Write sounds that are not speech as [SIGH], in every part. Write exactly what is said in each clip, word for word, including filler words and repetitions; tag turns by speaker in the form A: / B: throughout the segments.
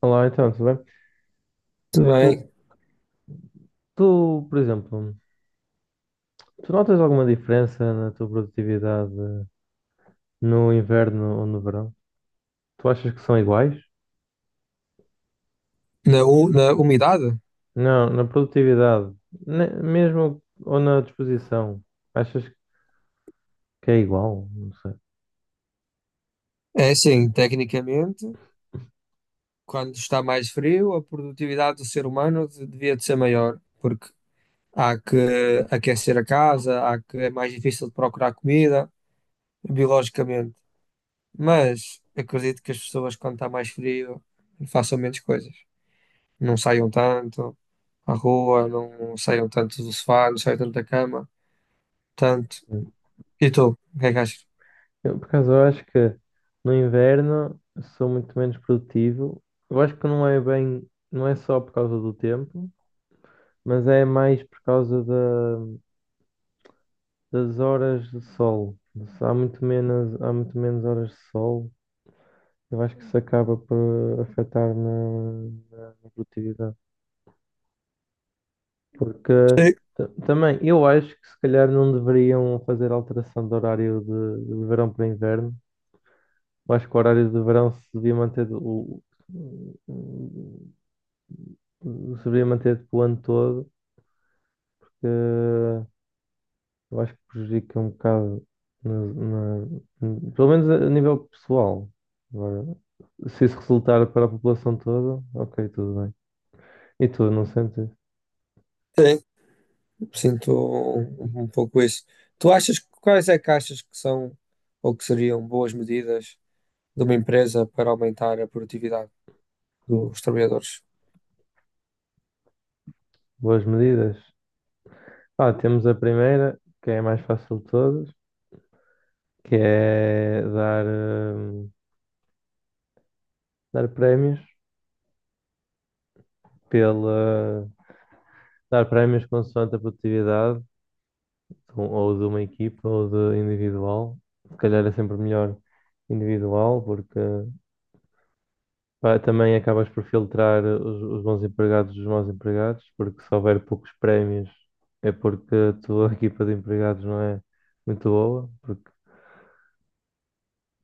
A: Olá, então, tudo bem?
B: Muito bem.
A: Tu, tu, por exemplo, tu notas alguma diferença na tua produtividade no inverno ou no verão? Tu achas que são iguais?
B: Na, u- na umidade?
A: Não, na produtividade, ne- mesmo ou na disposição, achas que é igual? Não sei.
B: É assim, tecnicamente, quando está mais frio, a produtividade do ser humano de- devia de ser maior, porque há que aquecer a casa, há que é mais difícil de procurar comida, biologicamente. Mas acredito que as pessoas, quando está mais frio, façam menos coisas. Não saiam tanto à rua, não saiam tanto do sofá, não saiam tanto da cama. Tanto.
A: Sim.
B: E tu, o que é que achas?
A: Eu, por acaso, eu acho que no inverno sou muito menos produtivo. Eu acho que não é bem, não é só por causa do tempo, mas é mais por causa da das horas de sol. Há muito menos, há muito menos horas de sol. Eu acho que isso acaba por afetar na, na produtividade. Porque
B: Sim.
A: ta- também eu acho que se calhar não deveriam fazer alteração do horário de, de verão para inverno. Eu acho que o horário de verão se devia manter o, o- se devia manter tipo, o ano todo. Eu acho que prejudica um bocado, na, na- pelo menos a, a nível pessoal. Agora, se isso resultar para a população toda, ok, tudo bem. E tu, não sentes
B: Sim. Sinto um, um pouco isso. Tu achas que- quais é que achas que são ou que seriam boas medidas de uma empresa para aumentar a produtividade dos trabalhadores?
A: boas medidas? Ah, temos a primeira, que é a mais fácil de todas, que é dar, hum, dar prémios pela, dar prémios consoante a produtividade, de um- ou de uma equipa, ou de individual. Se calhar é sempre melhor individual, porque pá, também acabas por filtrar os, os bons empregados dos maus empregados, porque se houver poucos prémios é porque a tua [LAUGHS] equipa de empregados não é muito boa, porque,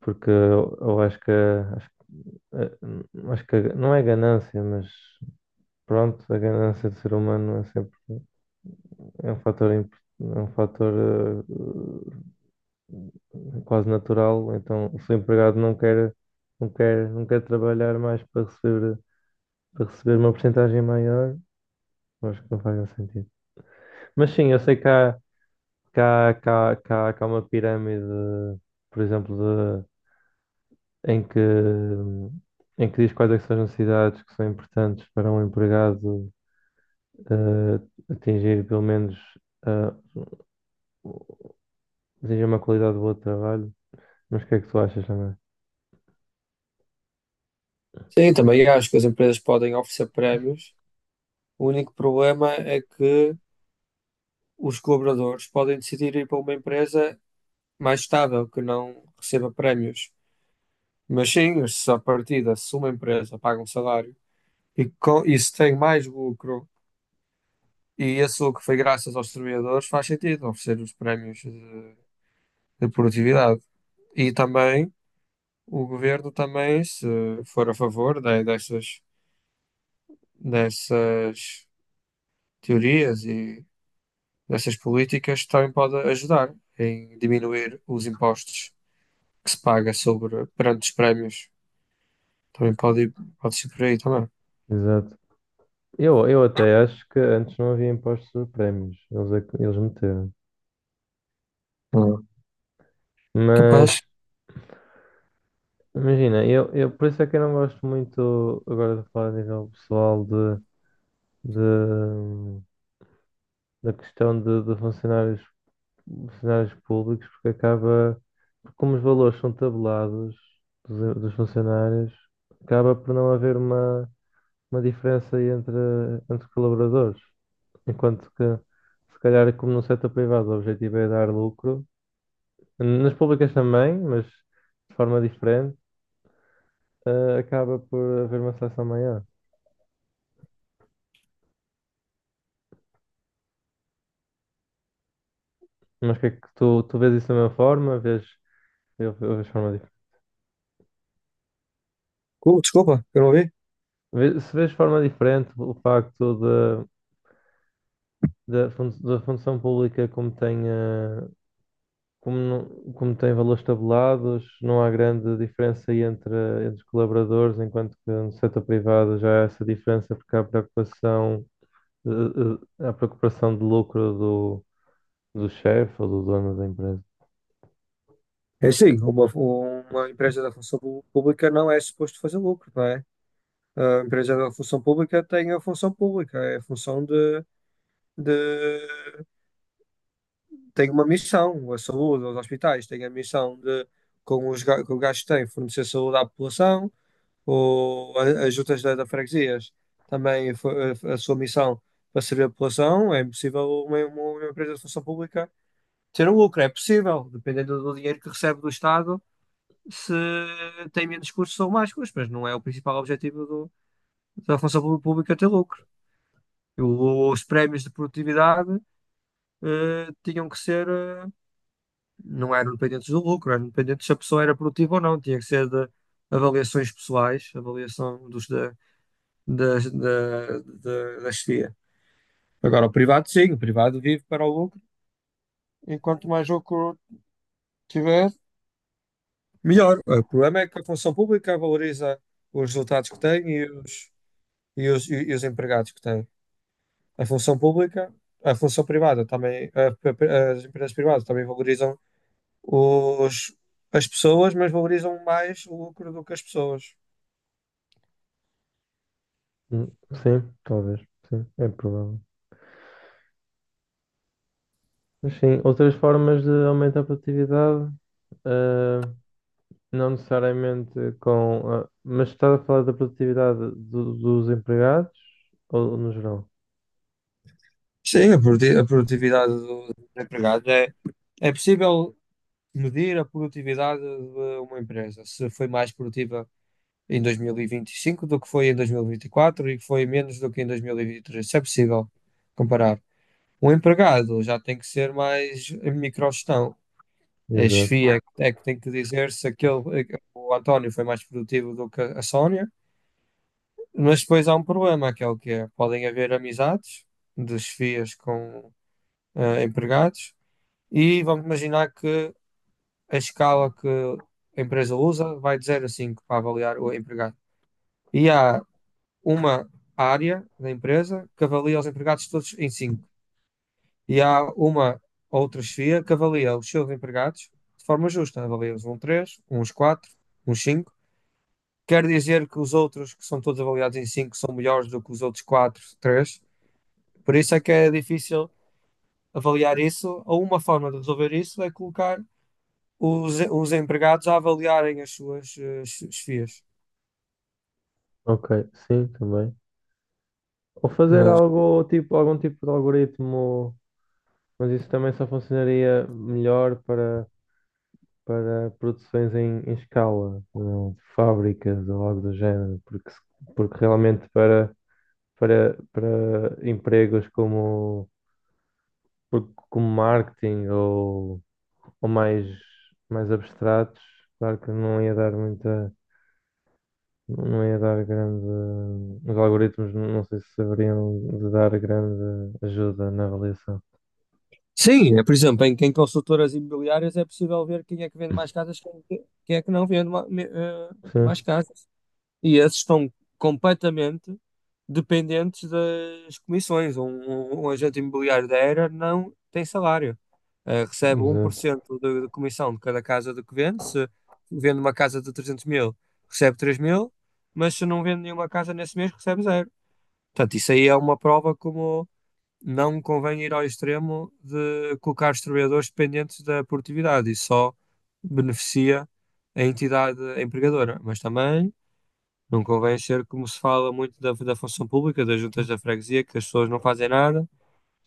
A: porque eu, eu acho que, acho, eh, acho que a- não é ganância, mas pronto, a ganância do ser humano é sempre é um fator, imp- é um fator eh, quase natural, então se o empregado não quer, não quer, não quer trabalhar mais para receber, para receber uma porcentagem maior. Acho que não faz muito sentido. Mas sim, eu sei que há, que há, que há, que há, que há uma pirâmide, por exemplo, de, em que, em que diz quais é que são as necessidades que são importantes para um empregado eh, atingir pelo menos eh, atingir uma qualidade boa de trabalho. Mas o que é que tu achas também?
B: Sim, também acho que as empresas podem oferecer prémios. O único problema é que os colaboradores podem decidir ir para uma empresa mais estável, que não receba prémios. Mas sim, se à partida, se uma empresa paga um salário. E, co- e se tem mais lucro, e esse lucro foi graças aos trabalhadores, faz sentido oferecer os prémios de, de produtividade. E também o governo também, se for a favor de- dessas, dessas teorias e dessas políticas, também pode ajudar em diminuir os impostos que se paga sobre perante os prémios. Também pode, ir- pode ser por aí também.
A: Exato. Eu, eu até acho que antes não havia impostos sobre prémios, eles, é que- eles meteram.
B: Ah.
A: Mas
B: Capaz.
A: imagina, eu, eu por isso é que eu não gosto muito agora de falar a nível pessoal de de- da questão de, de funcionários, funcionários públicos, porque acaba, porque como os valores são tabelados dos, dos funcionários, acaba por não haver uma, uma diferença aí entre, entre colaboradores. Enquanto que, se calhar, como no setor privado, o objetivo é dar lucro, nas públicas também, mas de forma diferente, eh, acaba por haver uma seleção maior. Mas o que é que tu, tu vês isso da mesma forma? Vês, eu, eu vejo de forma.
B: Oh, desculpa, eu não ouvi.
A: Vê- Se vês de forma diferente o facto da da fun- da função pública como tem, eh, como, não- como tem valores tabelados, não há grande diferença aí entre, entre os colaboradores, enquanto que no setor privado já há essa diferença porque há preocupação, eh, eh, há preocupação de lucro do, do chefe ou do dono da empresa.
B: É sim, uma, uma empresa da função pu- pública não é suposto fazer lucro, não é? A empresa da função pública tem a função pública, é a função de, de- tem uma missão, a saúde, os hospitais têm a missão de, com os ga- com o gasto que têm, fornecer saúde à população, ou a- as juntas da, da freguesias também fo- a, a sua missão para servir a população, é impossível uma, uma uma empresa de função pública ter um lucro, é possível, dependendo do dinheiro que recebe do Estado se tem menos custos ou mais custos, mas não é o principal objetivo do- da função pública ter lucro. O- Os prémios de produtividade eh, tinham que ser, eh, não eram dependentes do lucro, eram dependentes se a pessoa era produtiva ou não, tinha que ser de avaliações pessoais, avaliação dos da, das- da, da, da chefia. Agora, o privado, sim, o privado vive para o lucro, enquanto mais lucro tiver, melhor. O problema é que a função pública valoriza os resultados que tem e os e os, e, e os empregados que têm. A função pública, a função privada também, a- a- as empresas privadas também valorizam os, as pessoas, mas valorizam mais o lucro do que as pessoas.
A: Hum, Sim, talvez, sim, é provável. Mas sim, outras formas de aumentar a produtividade. eh, Não necessariamente com. Ah, mas estás a falar da produtividade do- dos empregados ou no geral?
B: Sim, a produti- a produtividade do- dos empregados é, é possível medir a produtividade de uma empresa, se foi mais produtiva em dois mil e vinte e cinco do que foi em dois mil e vinte e quatro e vinte e quatro e que foi menos do que em dois mil e vinte e três. Isso é possível comparar. Um empregado já tem que ser mais microgestão. A
A: Exato.
B: chefia é que é que tem que dizer se aquele, eh, o António foi mais produtivo do que a Sónia, mas depois há um problema, que é o que é, podem haver amizades de chefias com eh, empregados e vamos imaginar que a escala que a empresa usa vai de zero a cinco para avaliar o empregado. E há uma área da empresa que avalia os empregados todos em cinco. E há uma outra chefia que avalia os seus empregados de forma justa. Avalia uns um três uns quatro uns cinco. Quer dizer que os outros, que são todos avaliados em cinco são melhores do que os outros quatro, três. Por isso é que é difícil avaliar isso, ou uma forma de resolver isso é colocar os, os empregados a avaliarem as suas eh, chefias.
A: Ok, sim, também. Ou fazer
B: Mas,
A: algo tipo, algum tipo de algoritmo, mas isso também só funcionaria melhor para, para produções em, em escala, não, de fábricas ou algo do género, porque, se- porque realmente para, para, para empregos como, por- como marketing ou ou mais, mais abstratos, claro que não ia dar muita, não ia dar grande, os algoritmos não não sei se saberiam de dar grande ajuda na avaliação.
B: sim, é, por exemplo, em, em consultoras imobiliárias é possível ver quem é que vende mais
A: [LAUGHS]
B: casas, quem, quem é que não vende ma- me- eh, mais
A: Sim,
B: casas. E esses estão completamente dependentes das comissões. Um, um- um agente imobiliário da Era não tem salário. Eh, recebe
A: exato.
B: um por cento de, da da comissão de cada casa de que vende. Se vende uma casa de trezentos mil, recebe três mil, mas se não vende nenhuma casa nesse mês, recebe zero. Portanto, isso aí é uma prova como não convém ir ao extremo de colocar os trabalhadores dependentes da produtividade. Isso só beneficia a entidade empregadora, mas também não convém ser como se fala muito da, da função pública, das juntas da freguesia, que as pessoas não fazem nada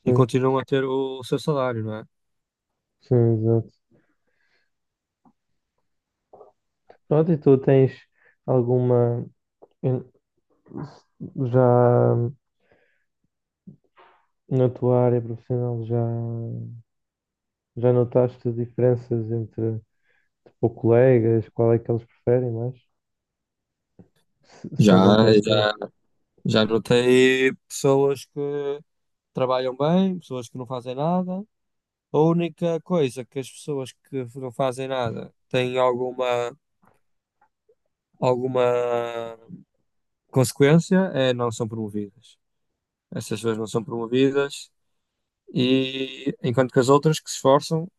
B: e
A: Sim,
B: continuam a ter o, o seu salário, não é?
A: sim, exato. Pronto, e tu tens alguma, em- já na tua área profissional, já, já notaste diferenças entre tipo, colegas, qual é que eles preferem mais? Se, se
B: Já,
A: algum tem
B: já,
A: experiência.
B: já notei pessoas que trabalham bem, pessoas que não fazem nada. A única coisa que as pessoas que não fazem nada têm alguma, alguma consequência é não são promovidas. Essas pessoas não são promovidas e enquanto que as outras que se esforçam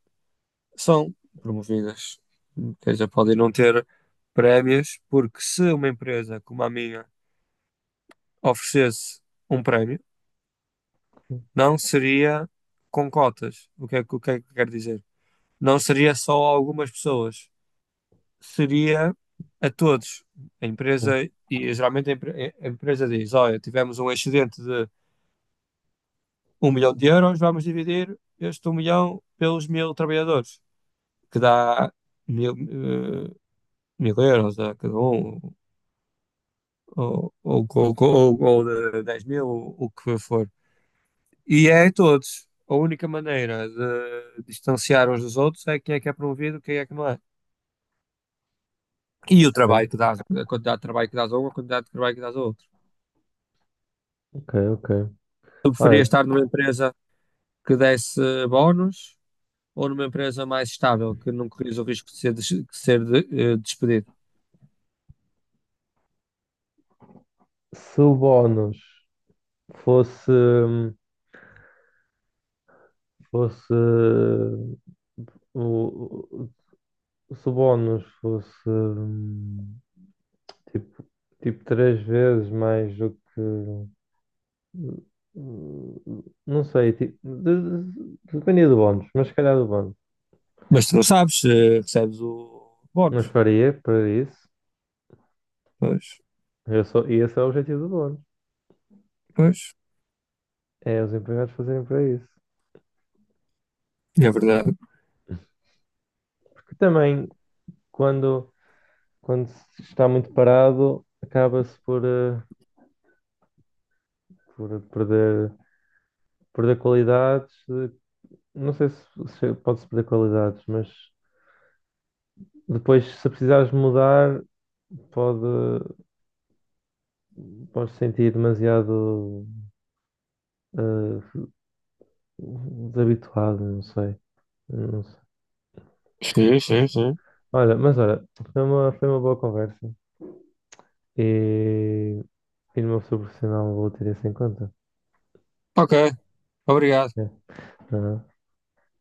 B: são promovidas. Ou seja, podem não ter prémios, porque se uma empresa como a minha oferecesse um prémio, não seria com cotas. O que é que, o que, é que quero dizer? Não seria só a algumas pessoas, seria a todos. A empresa,
A: Ok,
B: e geralmente a, empre- a empresa diz: olha, tivemos um excedente de um milhão de euros, vamos dividir este um milhão pelos mil trabalhadores, que dá mil, eh, mil euros a cada um, ou, ou, ou, ou, ou de dez mil, ou o que for. E é a todos. A única maneira de distanciar uns dos outros é quem é que é promovido, quem é que não é. E o trabalho que dás, a quantidade de trabalho que dás a um, a quantidade de trabalho que dás a outro.
A: ok, ok.
B: Eu preferia
A: Ora,
B: estar numa empresa que desse bónus ou numa empresa mais estável, que não corrias o risco de ser, des- de ser de- eh, despedido.
A: se o bónus fosse, fosse o, o- se o bónus fosse hum, tipo, tipo três vezes mais do que hum, não sei, tipo, de- de- dependia do bónus, mas se calhar do bónus.
B: Mas tu não sabes, eh, recebes o
A: Mas
B: bónus.
A: faria para isso.
B: Pois,
A: Eu sou, e esse é o objetivo do bónus.
B: pois.
A: É os empregados fazerem para isso.
B: É verdade.
A: Porque também quando, quando se está muito parado, acaba-se por. eh, por perder, perder qualidades. eh, Não sei se, se pode-se perder qualidades, mas depois, se precisares mudar, pode, podes sentir demasiado eh, desabituado, não sei. Não sei.
B: Sim, sim, sim.
A: Olha, mas olha, foi uma, foi uma boa conversa e, e no meu futuro profissional vou ter isso em conta.
B: Ok, obrigado.
A: É,